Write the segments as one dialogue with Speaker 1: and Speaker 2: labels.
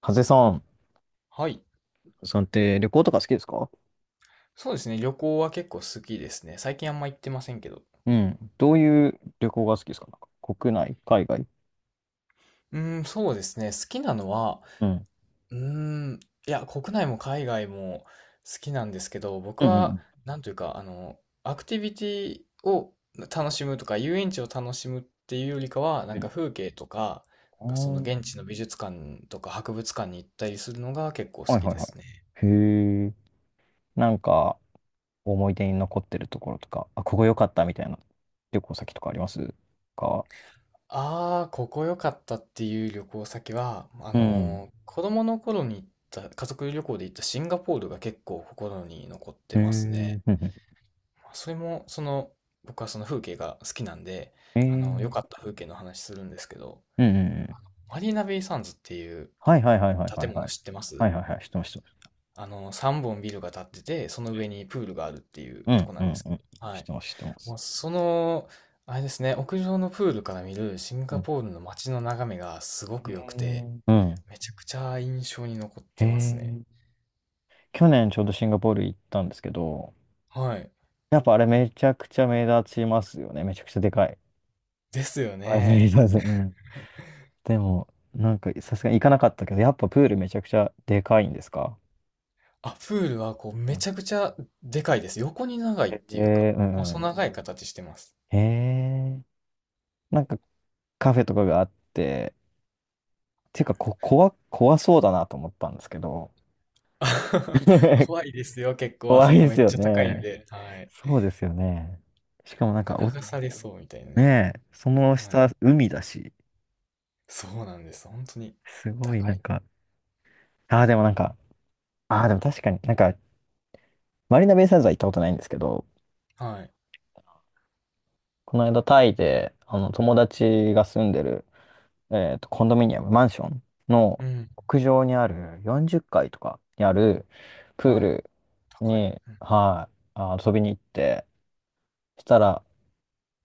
Speaker 1: ハゼさん、
Speaker 2: はい。
Speaker 1: さんって旅行とか好きですか？
Speaker 2: そうですね。旅行は結構好きですね。最近あんま行ってませんけど。
Speaker 1: うん。どういう旅行が好きですか？なんか国内、海外？
Speaker 2: そうですね。好きなのは、
Speaker 1: うん。
Speaker 2: うーん、国内も海外も好きなんですけど、僕
Speaker 1: うんう
Speaker 2: は、
Speaker 1: ん
Speaker 2: なんというか、アクティビティを楽しむとか、遊園地を楽しむっていうよりかは、な
Speaker 1: う
Speaker 2: ん
Speaker 1: ん。
Speaker 2: か
Speaker 1: う
Speaker 2: 風景とか、なんかその現
Speaker 1: ん。
Speaker 2: 地の美術館とか博物館に行ったりするのが結構好
Speaker 1: あー、はい
Speaker 2: き
Speaker 1: はい
Speaker 2: で
Speaker 1: はい。
Speaker 2: すね。
Speaker 1: へえ。なんか、思い出に残ってるところとか、あ、ここ良かったみたいな旅行先とかありますか？
Speaker 2: ああ、ここ良かったっていう旅行先は、
Speaker 1: うん。
Speaker 2: 子供の頃に行った、家族旅行で行ったシンガポールが結構心に残っ
Speaker 1: へ
Speaker 2: て
Speaker 1: え。う
Speaker 2: ますね。
Speaker 1: んうん。
Speaker 2: まあそれも、その、僕はその風景が好きなんで、
Speaker 1: へえ
Speaker 2: 良か
Speaker 1: ー。
Speaker 2: った風景の話するんですけど、
Speaker 1: うんうんうん。
Speaker 2: マリーナベイサンズっていう
Speaker 1: はいはいはいはいは
Speaker 2: 建
Speaker 1: い
Speaker 2: 物
Speaker 1: はい。
Speaker 2: 知ってま
Speaker 1: は
Speaker 2: す？
Speaker 1: いはいはい。知ってます、知ってます。
Speaker 2: 3本ビルが建ってて、その上にプールがあるっていう
Speaker 1: う
Speaker 2: と
Speaker 1: ん
Speaker 2: こな
Speaker 1: う
Speaker 2: んで
Speaker 1: ん
Speaker 2: すけ
Speaker 1: うん。
Speaker 2: ど、は
Speaker 1: 知っ
Speaker 2: い。
Speaker 1: てます、知ってま
Speaker 2: も
Speaker 1: す。
Speaker 2: うその、あれですね、屋上のプールから見るシン
Speaker 1: う
Speaker 2: ガ
Speaker 1: ん。
Speaker 2: ポールの街の眺めがすご
Speaker 1: へ
Speaker 2: く良くて、
Speaker 1: え。うん。
Speaker 2: めちゃくちゃ印象に残っ
Speaker 1: へ
Speaker 2: てますね。
Speaker 1: え。去年ちょうどシンガポール行ったんですけど、
Speaker 2: はい。
Speaker 1: やっぱあれめちゃくちゃ目立ちますよね。めちゃくちゃでかい。
Speaker 2: ですよ
Speaker 1: はい、目
Speaker 2: ね。
Speaker 1: 立たず。うん。でも、なんかさすがに行かなかったけど、やっぱプールめちゃくちゃでかいんですか？
Speaker 2: あ、プールはこう
Speaker 1: う
Speaker 2: め
Speaker 1: ん。
Speaker 2: ちゃくちゃでかいです。横に長いっ
Speaker 1: へ
Speaker 2: ていうか、
Speaker 1: え、うんう
Speaker 2: 細
Speaker 1: ん。
Speaker 2: 長い形してます。
Speaker 1: へえ、なんかカフェとかがあって、ていうかこ、怖そうだなと思ったんですけど、
Speaker 2: 怖 いですよ、結構あ
Speaker 1: 怖
Speaker 2: そ
Speaker 1: い
Speaker 2: こ
Speaker 1: で
Speaker 2: め
Speaker 1: す
Speaker 2: っ
Speaker 1: よ
Speaker 2: ちゃ高いん
Speaker 1: ね。
Speaker 2: で。はい。
Speaker 1: そうですよね。しかもな
Speaker 2: な
Speaker 1: ん
Speaker 2: んか
Speaker 1: か、お、
Speaker 2: 流されそうみたいなね。
Speaker 1: ねえ、その
Speaker 2: はい。
Speaker 1: 下、海だし、
Speaker 2: そうなんです。本当に
Speaker 1: すごいな
Speaker 2: 高
Speaker 1: ん
Speaker 2: い。
Speaker 1: か、ああ、でもなんか、ああ、でも確かになんか、マリーナベイサンズは行ったことないんですけど、
Speaker 2: はい。
Speaker 1: この間タイで、あの、友達が住んでる、えっと、コンドミニアム、マンションの
Speaker 2: うん。
Speaker 1: 屋上にある40階とかにあるプー
Speaker 2: はい。
Speaker 1: ル
Speaker 2: 高い。
Speaker 1: に、
Speaker 2: うん。
Speaker 1: はい、あ遊びに行って、そしたら、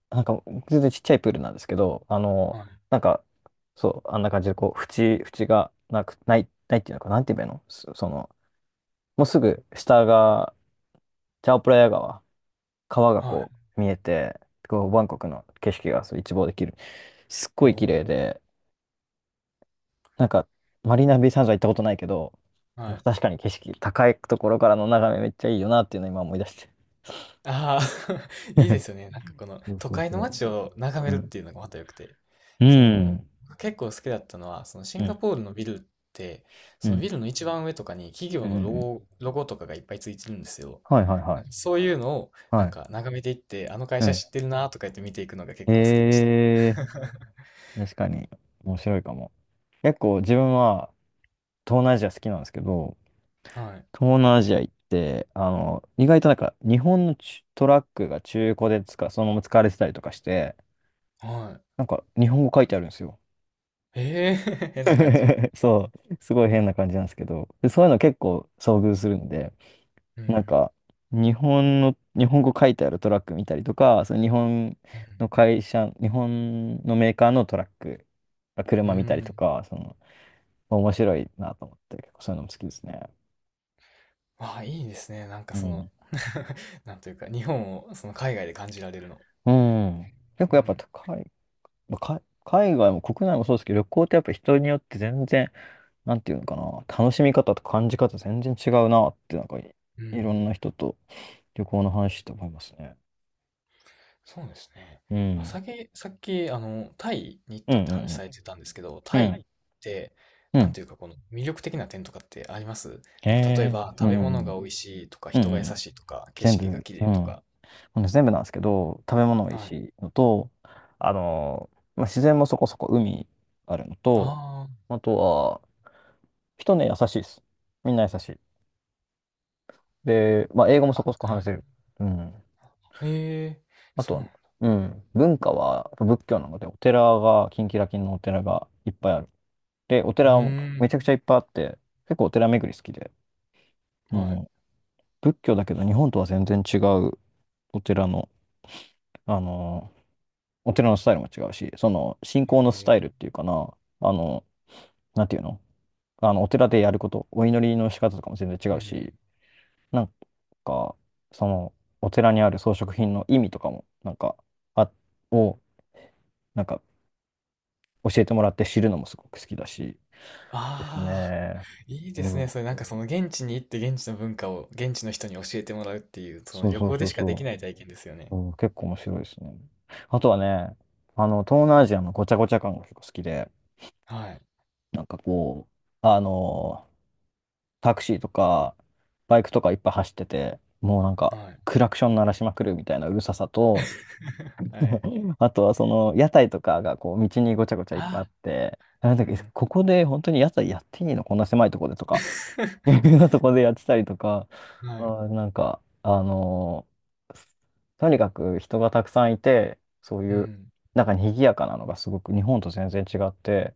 Speaker 1: なんか、全然ちっちゃいプールなんですけど、あの、
Speaker 2: はい。
Speaker 1: なんか、そう、あんな感じで、こう、縁がなく、ないっていうのか、なんて言えばいいのその、もうすぐ下が、チャオプラヤ川。川が
Speaker 2: は
Speaker 1: こ
Speaker 2: い。
Speaker 1: う見えて、こうバンコクの景色がそう一望できる。すっごい綺麗
Speaker 2: おー。
Speaker 1: で、なんかマリーナベイサンズは行ったことないけど、
Speaker 2: はい。
Speaker 1: 確かに景色、高いところからの眺めめっちゃいいよなっていうのを今思い出して。
Speaker 2: ああ、いいで すよね。なんかこの
Speaker 1: そう
Speaker 2: 都
Speaker 1: そう
Speaker 2: 会の
Speaker 1: そ
Speaker 2: 街を眺
Speaker 1: う。う
Speaker 2: めるっ
Speaker 1: ん。
Speaker 2: ていうのがまた良くて。
Speaker 1: う
Speaker 2: その、
Speaker 1: ん。
Speaker 2: 結構好きだったのは、そのシ
Speaker 1: う
Speaker 2: ンガ
Speaker 1: ん。
Speaker 2: ポールのビルって、
Speaker 1: う
Speaker 2: そのビ
Speaker 1: ん。
Speaker 2: ルの一番上とかに企
Speaker 1: う
Speaker 2: 業のロ
Speaker 1: ん。
Speaker 2: ゴ、ロゴとかがいっぱいついてるんですよ。
Speaker 1: はいはいは
Speaker 2: なんか
Speaker 1: い。
Speaker 2: そういうのを
Speaker 1: は
Speaker 2: なん
Speaker 1: い。
Speaker 2: か眺めていって、あの会
Speaker 1: う
Speaker 2: 社
Speaker 1: ん。
Speaker 2: 知ってるなとか言って見ていくのが結構好きでした。
Speaker 1: え ー、確かに面白いかも。結構自分は東南アジア好きなんですけど、
Speaker 2: はい。
Speaker 1: 東南アジア行って、あの、意外となんか日本のちゅトラックが中古で使う、そのまま使われてたりとかして、
Speaker 2: はい。
Speaker 1: なんか日本語書いてあるんですよ。
Speaker 2: ええ 変な感じ。
Speaker 1: そう、すごい変な感じなんですけど、で、そういうの結構遭遇するんで、
Speaker 2: う
Speaker 1: なん
Speaker 2: ん。
Speaker 1: か日本の、日本語書いてあるトラック見たりとか、その日本
Speaker 2: うん。
Speaker 1: の会社、日本のメーカーのトラック、
Speaker 2: う
Speaker 1: 車見たりと
Speaker 2: ん。
Speaker 1: か、その、面白いなと思って、結構そういうのも好きですね。
Speaker 2: ああ、いいですね。なんか
Speaker 1: う
Speaker 2: その
Speaker 1: ん。
Speaker 2: なんというか、日本をその海外で感じられるの。
Speaker 1: うん。結
Speaker 2: う
Speaker 1: 構やっぱ
Speaker 2: ん
Speaker 1: 高い。まあか海外も国内もそうですけど、旅行ってやっぱ人によって全然、なんていうのかな、楽しみ方と感じ方全然違うなって、なんかい、
Speaker 2: う
Speaker 1: い
Speaker 2: ん
Speaker 1: ろんな人と旅行の話して思いますね。
Speaker 2: そうですね。
Speaker 1: う
Speaker 2: まあ、
Speaker 1: ん。
Speaker 2: さっき、タイに行っ
Speaker 1: うんう
Speaker 2: たって話
Speaker 1: ん
Speaker 2: されてたんですけど、
Speaker 1: うん。
Speaker 2: タ
Speaker 1: う
Speaker 2: イ
Speaker 1: ん。は
Speaker 2: っ
Speaker 1: い。
Speaker 2: て、
Speaker 1: う
Speaker 2: なん
Speaker 1: ん。
Speaker 2: ていうか、この魅力的な点とかってあります？
Speaker 1: へ
Speaker 2: なんか、例え
Speaker 1: え。
Speaker 2: ば、
Speaker 1: う
Speaker 2: 食
Speaker 1: ん
Speaker 2: べ
Speaker 1: う
Speaker 2: 物が
Speaker 1: ん
Speaker 2: 美味しいとか、
Speaker 1: うん。うん
Speaker 2: 人が優
Speaker 1: うん。
Speaker 2: しいとか、景
Speaker 1: 全部、
Speaker 2: 色が綺
Speaker 1: う
Speaker 2: 麗と
Speaker 1: ん。
Speaker 2: か。
Speaker 1: ほんで全部なんですけど、食べ物おい
Speaker 2: は
Speaker 1: し
Speaker 2: い。
Speaker 1: いしのと、あのー、まあ、自然もそこそこ海あるのと、
Speaker 2: あ
Speaker 1: あとは、人ね、優しいです。みんな優しい。で、まあ、英語もそ
Speaker 2: あ、
Speaker 1: こそこ
Speaker 2: あ、は
Speaker 1: 話せる。
Speaker 2: い。
Speaker 1: うん。
Speaker 2: ええ、
Speaker 1: あ
Speaker 2: そ
Speaker 1: と
Speaker 2: うな
Speaker 1: は、
Speaker 2: んだ。
Speaker 1: うん、文化は仏教なので、お寺が、キンキラキンのお寺がいっぱいある。で、お
Speaker 2: う
Speaker 1: 寺も
Speaker 2: ーん。
Speaker 1: めちゃくちゃいっぱいあって、結構お寺巡り好きで、う
Speaker 2: はい。
Speaker 1: ん、仏教だけど日本とは全然違うお寺の、あの、お寺のスタイルも違うし、その信仰のスタイルっ
Speaker 2: え
Speaker 1: ていうかな、あの、なんていうの、あの、お寺でやること、お祈りの仕方とかも全然違
Speaker 2: え、う
Speaker 1: う
Speaker 2: ん。
Speaker 1: し、なんか、その、お寺にある装飾品の意味とかも、なんか、あ、を、なんか教えてもらって知るのもすごく好きだし。です
Speaker 2: ああ、
Speaker 1: ね。
Speaker 2: いいで
Speaker 1: う
Speaker 2: すね。
Speaker 1: ん。
Speaker 2: それなんかその現地に行って現地の文化を現地の人に教えてもらうっていう、その
Speaker 1: そう
Speaker 2: 旅
Speaker 1: そう
Speaker 2: 行で
Speaker 1: そう
Speaker 2: しかでき
Speaker 1: そ
Speaker 2: ない体験ですよ
Speaker 1: う。
Speaker 2: ね。
Speaker 1: うん、結構面白いですね。あとはね、あの、東南アジアのごちゃごちゃ感が結構好きで、
Speaker 2: はい。
Speaker 1: なんかこう、あの、タクシーとか、バイクとかいっぱい走ってて、もうなんか、
Speaker 2: はい。
Speaker 1: クラクション鳴らしまくるみたいなうるささと、
Speaker 2: はい。
Speaker 1: あとはその屋台とかがこう道にごちゃごちゃいっぱいあっ
Speaker 2: あ、
Speaker 1: て、
Speaker 2: う
Speaker 1: なんだっけ、
Speaker 2: ん。
Speaker 1: ここで本当に屋台やっていいのこんな狭いとこでとかい うようなとこでやってたりとか、
Speaker 2: はい。
Speaker 1: あー、なんか、あのー、とにかく人がたくさんいて、そう
Speaker 2: う
Speaker 1: いう、
Speaker 2: ん。
Speaker 1: なんか賑やかなのがすごく日本と全然違って、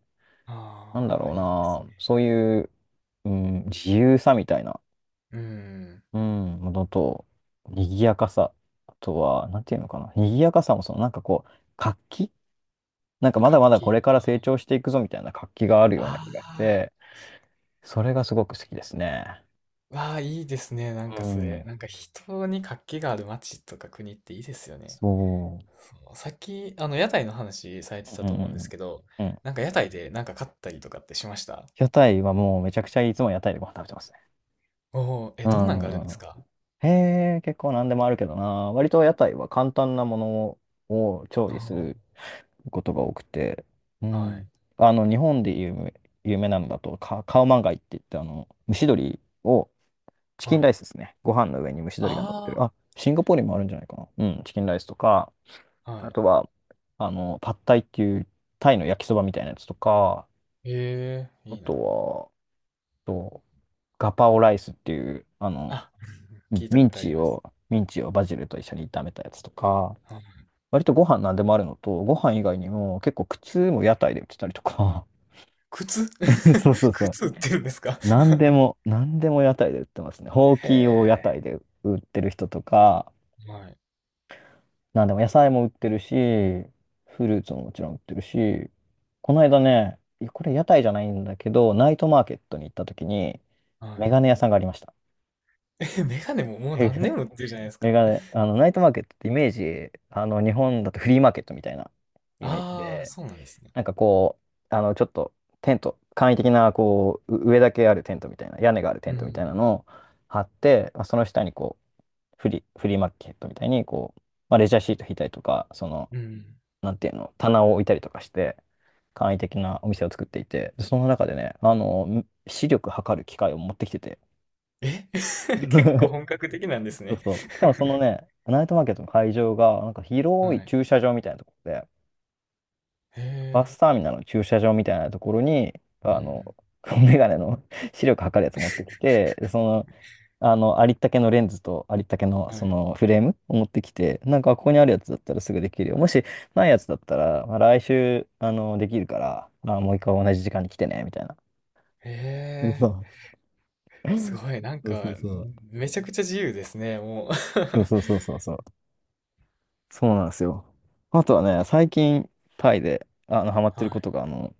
Speaker 1: なんだ
Speaker 2: ああ、
Speaker 1: ろう
Speaker 2: いいです
Speaker 1: な、
Speaker 2: ね。
Speaker 1: そういう、うん、自由さみたいな、
Speaker 2: うん。
Speaker 1: うん、ものと、賑やかさ、あとは、なんていうのかな、賑やかさもその、なんかこう、活気、なんかま
Speaker 2: 活
Speaker 1: だまだこ
Speaker 2: 気。
Speaker 1: れから成長していくぞみたいな活気があるような気がし
Speaker 2: あ
Speaker 1: て、それがすごく好きですね。
Speaker 2: あ、わあ、いいですね。なん
Speaker 1: う
Speaker 2: かそれ。
Speaker 1: ん、
Speaker 2: なんか人に活気がある街とか国っていいですよね。
Speaker 1: そう。
Speaker 2: そう、さっき、屋台の話され
Speaker 1: う
Speaker 2: てた
Speaker 1: んう
Speaker 2: と思うんです
Speaker 1: ん
Speaker 2: けど、
Speaker 1: うんうん。
Speaker 2: なんか屋台でなんか買ったりとかってしました？
Speaker 1: 屋台はもうめちゃくちゃいつも屋台でご飯食べてますね。
Speaker 2: おおー、え、
Speaker 1: う
Speaker 2: どんなん
Speaker 1: ん
Speaker 2: があるん
Speaker 1: う
Speaker 2: で
Speaker 1: んう
Speaker 2: す
Speaker 1: ん。
Speaker 2: か？
Speaker 1: へえ、結構何でもあるけどな。割と屋台は簡単なものを調理
Speaker 2: あ
Speaker 1: することが多くて。う
Speaker 2: あー、はい、
Speaker 1: ん。あの、日本で有名なのだと、カオマンガイって言って、あの、蒸し鶏を、チキン
Speaker 2: は
Speaker 1: ラ
Speaker 2: い。
Speaker 1: イスですね。ご飯の上に蒸し鶏が乗ってる。
Speaker 2: あ
Speaker 1: あ、シンガポールにもあるんじゃないかな。うん、チキンライスとか、
Speaker 2: あ、は
Speaker 1: あ
Speaker 2: い。
Speaker 1: とは、あの、パッタイっていうタイの焼きそばみたいなやつとか、
Speaker 2: ええ、
Speaker 1: あ
Speaker 2: いい
Speaker 1: と
Speaker 2: な。
Speaker 1: は、と、ガパオライスっていう、あの、
Speaker 2: あ、聞いた
Speaker 1: ミ
Speaker 2: こ
Speaker 1: ン
Speaker 2: とあり
Speaker 1: チ
Speaker 2: ま
Speaker 1: を、
Speaker 2: す。
Speaker 1: ミンチをバジルと一緒に炒めたやつとか、割とご飯なんでもあるのと、ご飯以外にも結構靴も屋台で売ってたりとか、
Speaker 2: 靴
Speaker 1: そうそ うそう。
Speaker 2: 靴売ってるんですか？
Speaker 1: なんでも屋台で売ってますね。ほうきを屋
Speaker 2: へ
Speaker 1: 台で売ってる人とか、
Speaker 2: え。はい。
Speaker 1: なんでも野菜も売ってるし、フルーツももちろん売ってるし、この間ね、いやこれ屋台じゃないんだけど、ナイトマーケットに行った時に、
Speaker 2: は
Speaker 1: メ
Speaker 2: い。
Speaker 1: ガネ屋さんがありました。
Speaker 2: え、メガネももう何年も売ってるじゃないで す
Speaker 1: メ
Speaker 2: か。
Speaker 1: ガ ネ、あの、ナイトマーケットってイメージ、あの、日本だとフリーマーケットみたいなイメージ
Speaker 2: ああ、
Speaker 1: で、
Speaker 2: そうなんですね。
Speaker 1: なんかこう、あの、ちょっとテント、簡易的な、こう、う上だけあるテントみたいな、屋根があるテ
Speaker 2: う
Speaker 1: ントみたいな
Speaker 2: ん。
Speaker 1: のを張って、まあ、その下にこう、フリーマーケットみたいに、こう、まあ、レジャーシート引いたりとか、その、
Speaker 2: うん。
Speaker 1: なんていうの、棚を置いたりとかして、簡易的なお店を作っていて、その中でね、あの、視力測る機械を持ってきてて、
Speaker 2: え 結構本格的なんです
Speaker 1: そう
Speaker 2: ね？
Speaker 1: そう。しかもその ね、ナイトマーケットの会場が、なんか広
Speaker 2: は
Speaker 1: い
Speaker 2: い。
Speaker 1: 駐車場みたいなところで、
Speaker 2: へ
Speaker 1: バ
Speaker 2: え。
Speaker 1: スターミナルの駐車場みたいなところに、
Speaker 2: う
Speaker 1: あ
Speaker 2: ん。
Speaker 1: の、メガネの 視力測るやつ持ってきて、でその、あの、ありったけのレンズとありったけの
Speaker 2: は
Speaker 1: そ
Speaker 2: い。
Speaker 1: のフレームを持ってきて、なんかここにあるやつだったらすぐできるよ。もしないやつだったら、まあ、来週、できるから、まあ、もう一回同じ時間に来てね、みたいな。
Speaker 2: へ え。
Speaker 1: そ
Speaker 2: すごい、なん
Speaker 1: うそ
Speaker 2: か、
Speaker 1: うそうそう。
Speaker 2: めちゃくちゃ自由ですね、もう。
Speaker 1: そうそうそうそうそう。そうなんですよ。あとはね、最近、タイで、ハマってる
Speaker 2: は
Speaker 1: こ
Speaker 2: い。
Speaker 1: とが、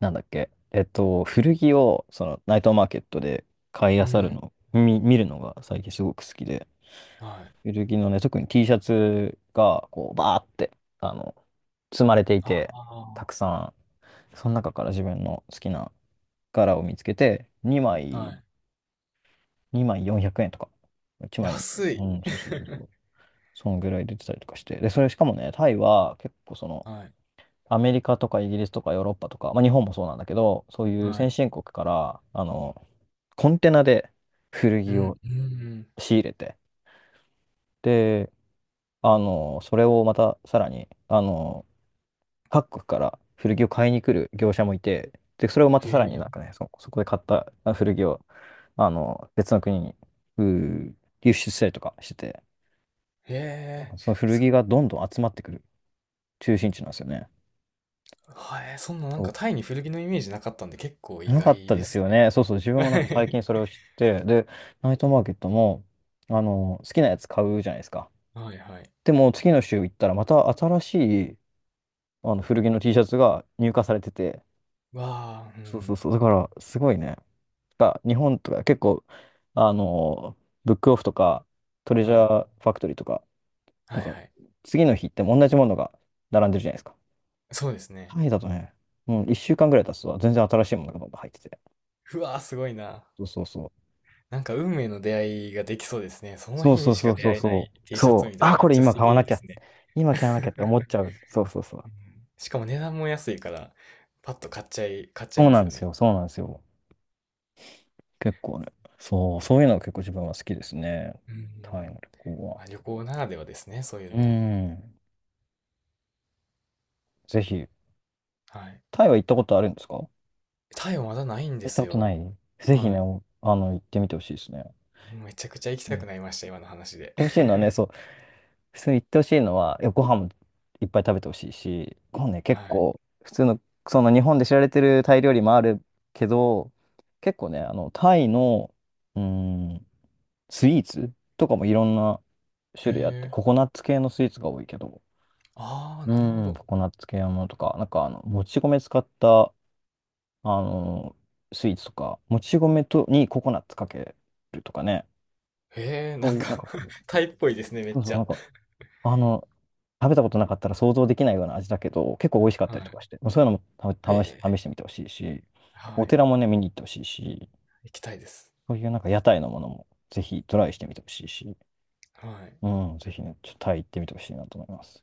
Speaker 1: なんだっけ、古着を、ナイトマーケットで買い漁
Speaker 2: う
Speaker 1: る
Speaker 2: ん。
Speaker 1: の、見るのが最近すごく好きで、
Speaker 2: はい。
Speaker 1: 古着のね、特に T シャツが、こう、バーって、あの、積まれていて、
Speaker 2: あ
Speaker 1: たくさん、その中から自分の好きな柄を見つけて、2
Speaker 2: あ、は
Speaker 1: 枚、
Speaker 2: い。
Speaker 1: 2枚400円とか、1枚、
Speaker 2: 安
Speaker 1: う
Speaker 2: い。
Speaker 1: ん、そうそうそうそう。そのぐらい出てたりとかして。で、それしかもね、タイは結構
Speaker 2: はい。
Speaker 1: アメリカとかイギリスとかヨーロッパとか、まあ、日本もそうなんだけど、そういう
Speaker 2: は
Speaker 1: 先
Speaker 2: い。
Speaker 1: 進国から、コンテナで古
Speaker 2: う
Speaker 1: 着
Speaker 2: ん、
Speaker 1: を
Speaker 2: うん。
Speaker 1: 仕入れて、で、それをまたさらに、各国から古着を買いに来る業者もいて、で、それをまた
Speaker 2: へ
Speaker 1: さらになん
Speaker 2: え。
Speaker 1: かね、そこで買ったあ古着を、別の国に、うー輸出したりとかしてて、なん
Speaker 2: へえ、
Speaker 1: かその古
Speaker 2: すご
Speaker 1: 着
Speaker 2: い。
Speaker 1: がどんどん集まってくる中心地なんですよね。
Speaker 2: はい、そんななんかタイに古着のイメージなかったんで結構意
Speaker 1: なかっ
Speaker 2: 外
Speaker 1: た
Speaker 2: で
Speaker 1: です
Speaker 2: す
Speaker 1: よ
Speaker 2: ね。
Speaker 1: ね。そうそう、自分もなんか最近 それを知って、で、ナイトマーケットも、好きなやつ買うじゃないですか。
Speaker 2: はいはい。
Speaker 1: でも、次の週行ったら、また新しい、古着の T シャツが入荷されてて、
Speaker 2: わあ、う
Speaker 1: そうそうそ
Speaker 2: ん。
Speaker 1: う、だから、すごいね。が、日本とか結構、あの、ブックオフとか、トレジ
Speaker 2: は
Speaker 1: ャ
Speaker 2: い。
Speaker 1: ーファクトリーとか、な
Speaker 2: は
Speaker 1: ん
Speaker 2: い
Speaker 1: か、
Speaker 2: はい。
Speaker 1: 次の日行っても同じものが並んでるじゃないですか。
Speaker 2: そうですね。
Speaker 1: タイだとね、うん、1週間ぐらい経つと、全然新しいものがどんどん入ってて。
Speaker 2: うわあ、すごいな。
Speaker 1: そうそうそう。
Speaker 2: なんか運命の出会いができそうですね。その
Speaker 1: そう
Speaker 2: 日
Speaker 1: そ
Speaker 2: に
Speaker 1: う
Speaker 2: し
Speaker 1: そ
Speaker 2: か
Speaker 1: う
Speaker 2: 出
Speaker 1: そう
Speaker 2: 会えな
Speaker 1: そ
Speaker 2: い
Speaker 1: う。
Speaker 2: T シャ
Speaker 1: そ
Speaker 2: ツ
Speaker 1: う。
Speaker 2: みたい
Speaker 1: あ、
Speaker 2: なめっ
Speaker 1: これ
Speaker 2: ちゃ
Speaker 1: 今
Speaker 2: 素
Speaker 1: 買わな
Speaker 2: 敵で
Speaker 1: きゃ。
Speaker 2: すね。
Speaker 1: 今買わなきゃって 思っちゃう。そうそうそう。
Speaker 2: うん、しかも値段も安いから、パッと買っちゃい、買っちゃい
Speaker 1: そう
Speaker 2: ま
Speaker 1: な
Speaker 2: す
Speaker 1: んで
Speaker 2: よ
Speaker 1: す
Speaker 2: ね。
Speaker 1: よ。そうなんですよ。結構ね。そう。そういうのが結構自分は好きですね。
Speaker 2: う
Speaker 1: タイの
Speaker 2: ん。
Speaker 1: 旅行は。
Speaker 2: まあ、旅行ならではですね、そういう
Speaker 1: う
Speaker 2: のは。
Speaker 1: ん。ぜひ。
Speaker 2: はい。
Speaker 1: タイは行ったことあるんですか？行
Speaker 2: タイはまだないんで
Speaker 1: った
Speaker 2: す
Speaker 1: ことな
Speaker 2: よ。
Speaker 1: い、ぜひ
Speaker 2: は
Speaker 1: ね、
Speaker 2: い。
Speaker 1: おあの、行ってみてほしいですね。
Speaker 2: めちゃくちゃ行き
Speaker 1: うん、
Speaker 2: た
Speaker 1: 行
Speaker 2: く
Speaker 1: っ
Speaker 2: なりました、今の話で。
Speaker 1: てほしいの はね、そう。普通に行ってほしいのは、いや、ご飯もいっぱい食べてほしいし、ご飯ね、
Speaker 2: は
Speaker 1: 結
Speaker 2: い。
Speaker 1: 構、普通の、その日本で知られてるタイ料理もあるけど、結構ね、タイの、うーん、スイーツとかもいろんな
Speaker 2: へ
Speaker 1: 種類あって、
Speaker 2: え。
Speaker 1: ココナッツ系のスイーツが多いけど、
Speaker 2: ああ、なるほ
Speaker 1: うん。
Speaker 2: ど。
Speaker 1: ココナッツ系のものとか、なんか、もち米使った、あの、スイーツとか、もち米とにココナッツかけるとかね、
Speaker 2: へえ、
Speaker 1: そ
Speaker 2: な
Speaker 1: う
Speaker 2: ん
Speaker 1: いう、
Speaker 2: か
Speaker 1: なんかこう、
Speaker 2: タイっぽいですね、めっ
Speaker 1: そうそ
Speaker 2: ち
Speaker 1: う、なん
Speaker 2: ゃ。
Speaker 1: かあの、食べたことなかったら想像できないような味だけど、結構美味しかったりとか
Speaker 2: は
Speaker 1: して、もうそういうのも
Speaker 2: い。へ
Speaker 1: た試し、
Speaker 2: え。
Speaker 1: 試してみてほしいし、
Speaker 2: は
Speaker 1: お
Speaker 2: い。
Speaker 1: 寺もね、見に行ってほしいし、
Speaker 2: 行きたいです。
Speaker 1: そういうなんか屋台のものもぜひトライしてみてほしいし、
Speaker 2: はい。
Speaker 1: うん、ぜひね、ちょっとタイ行ってみてほしいなと思います。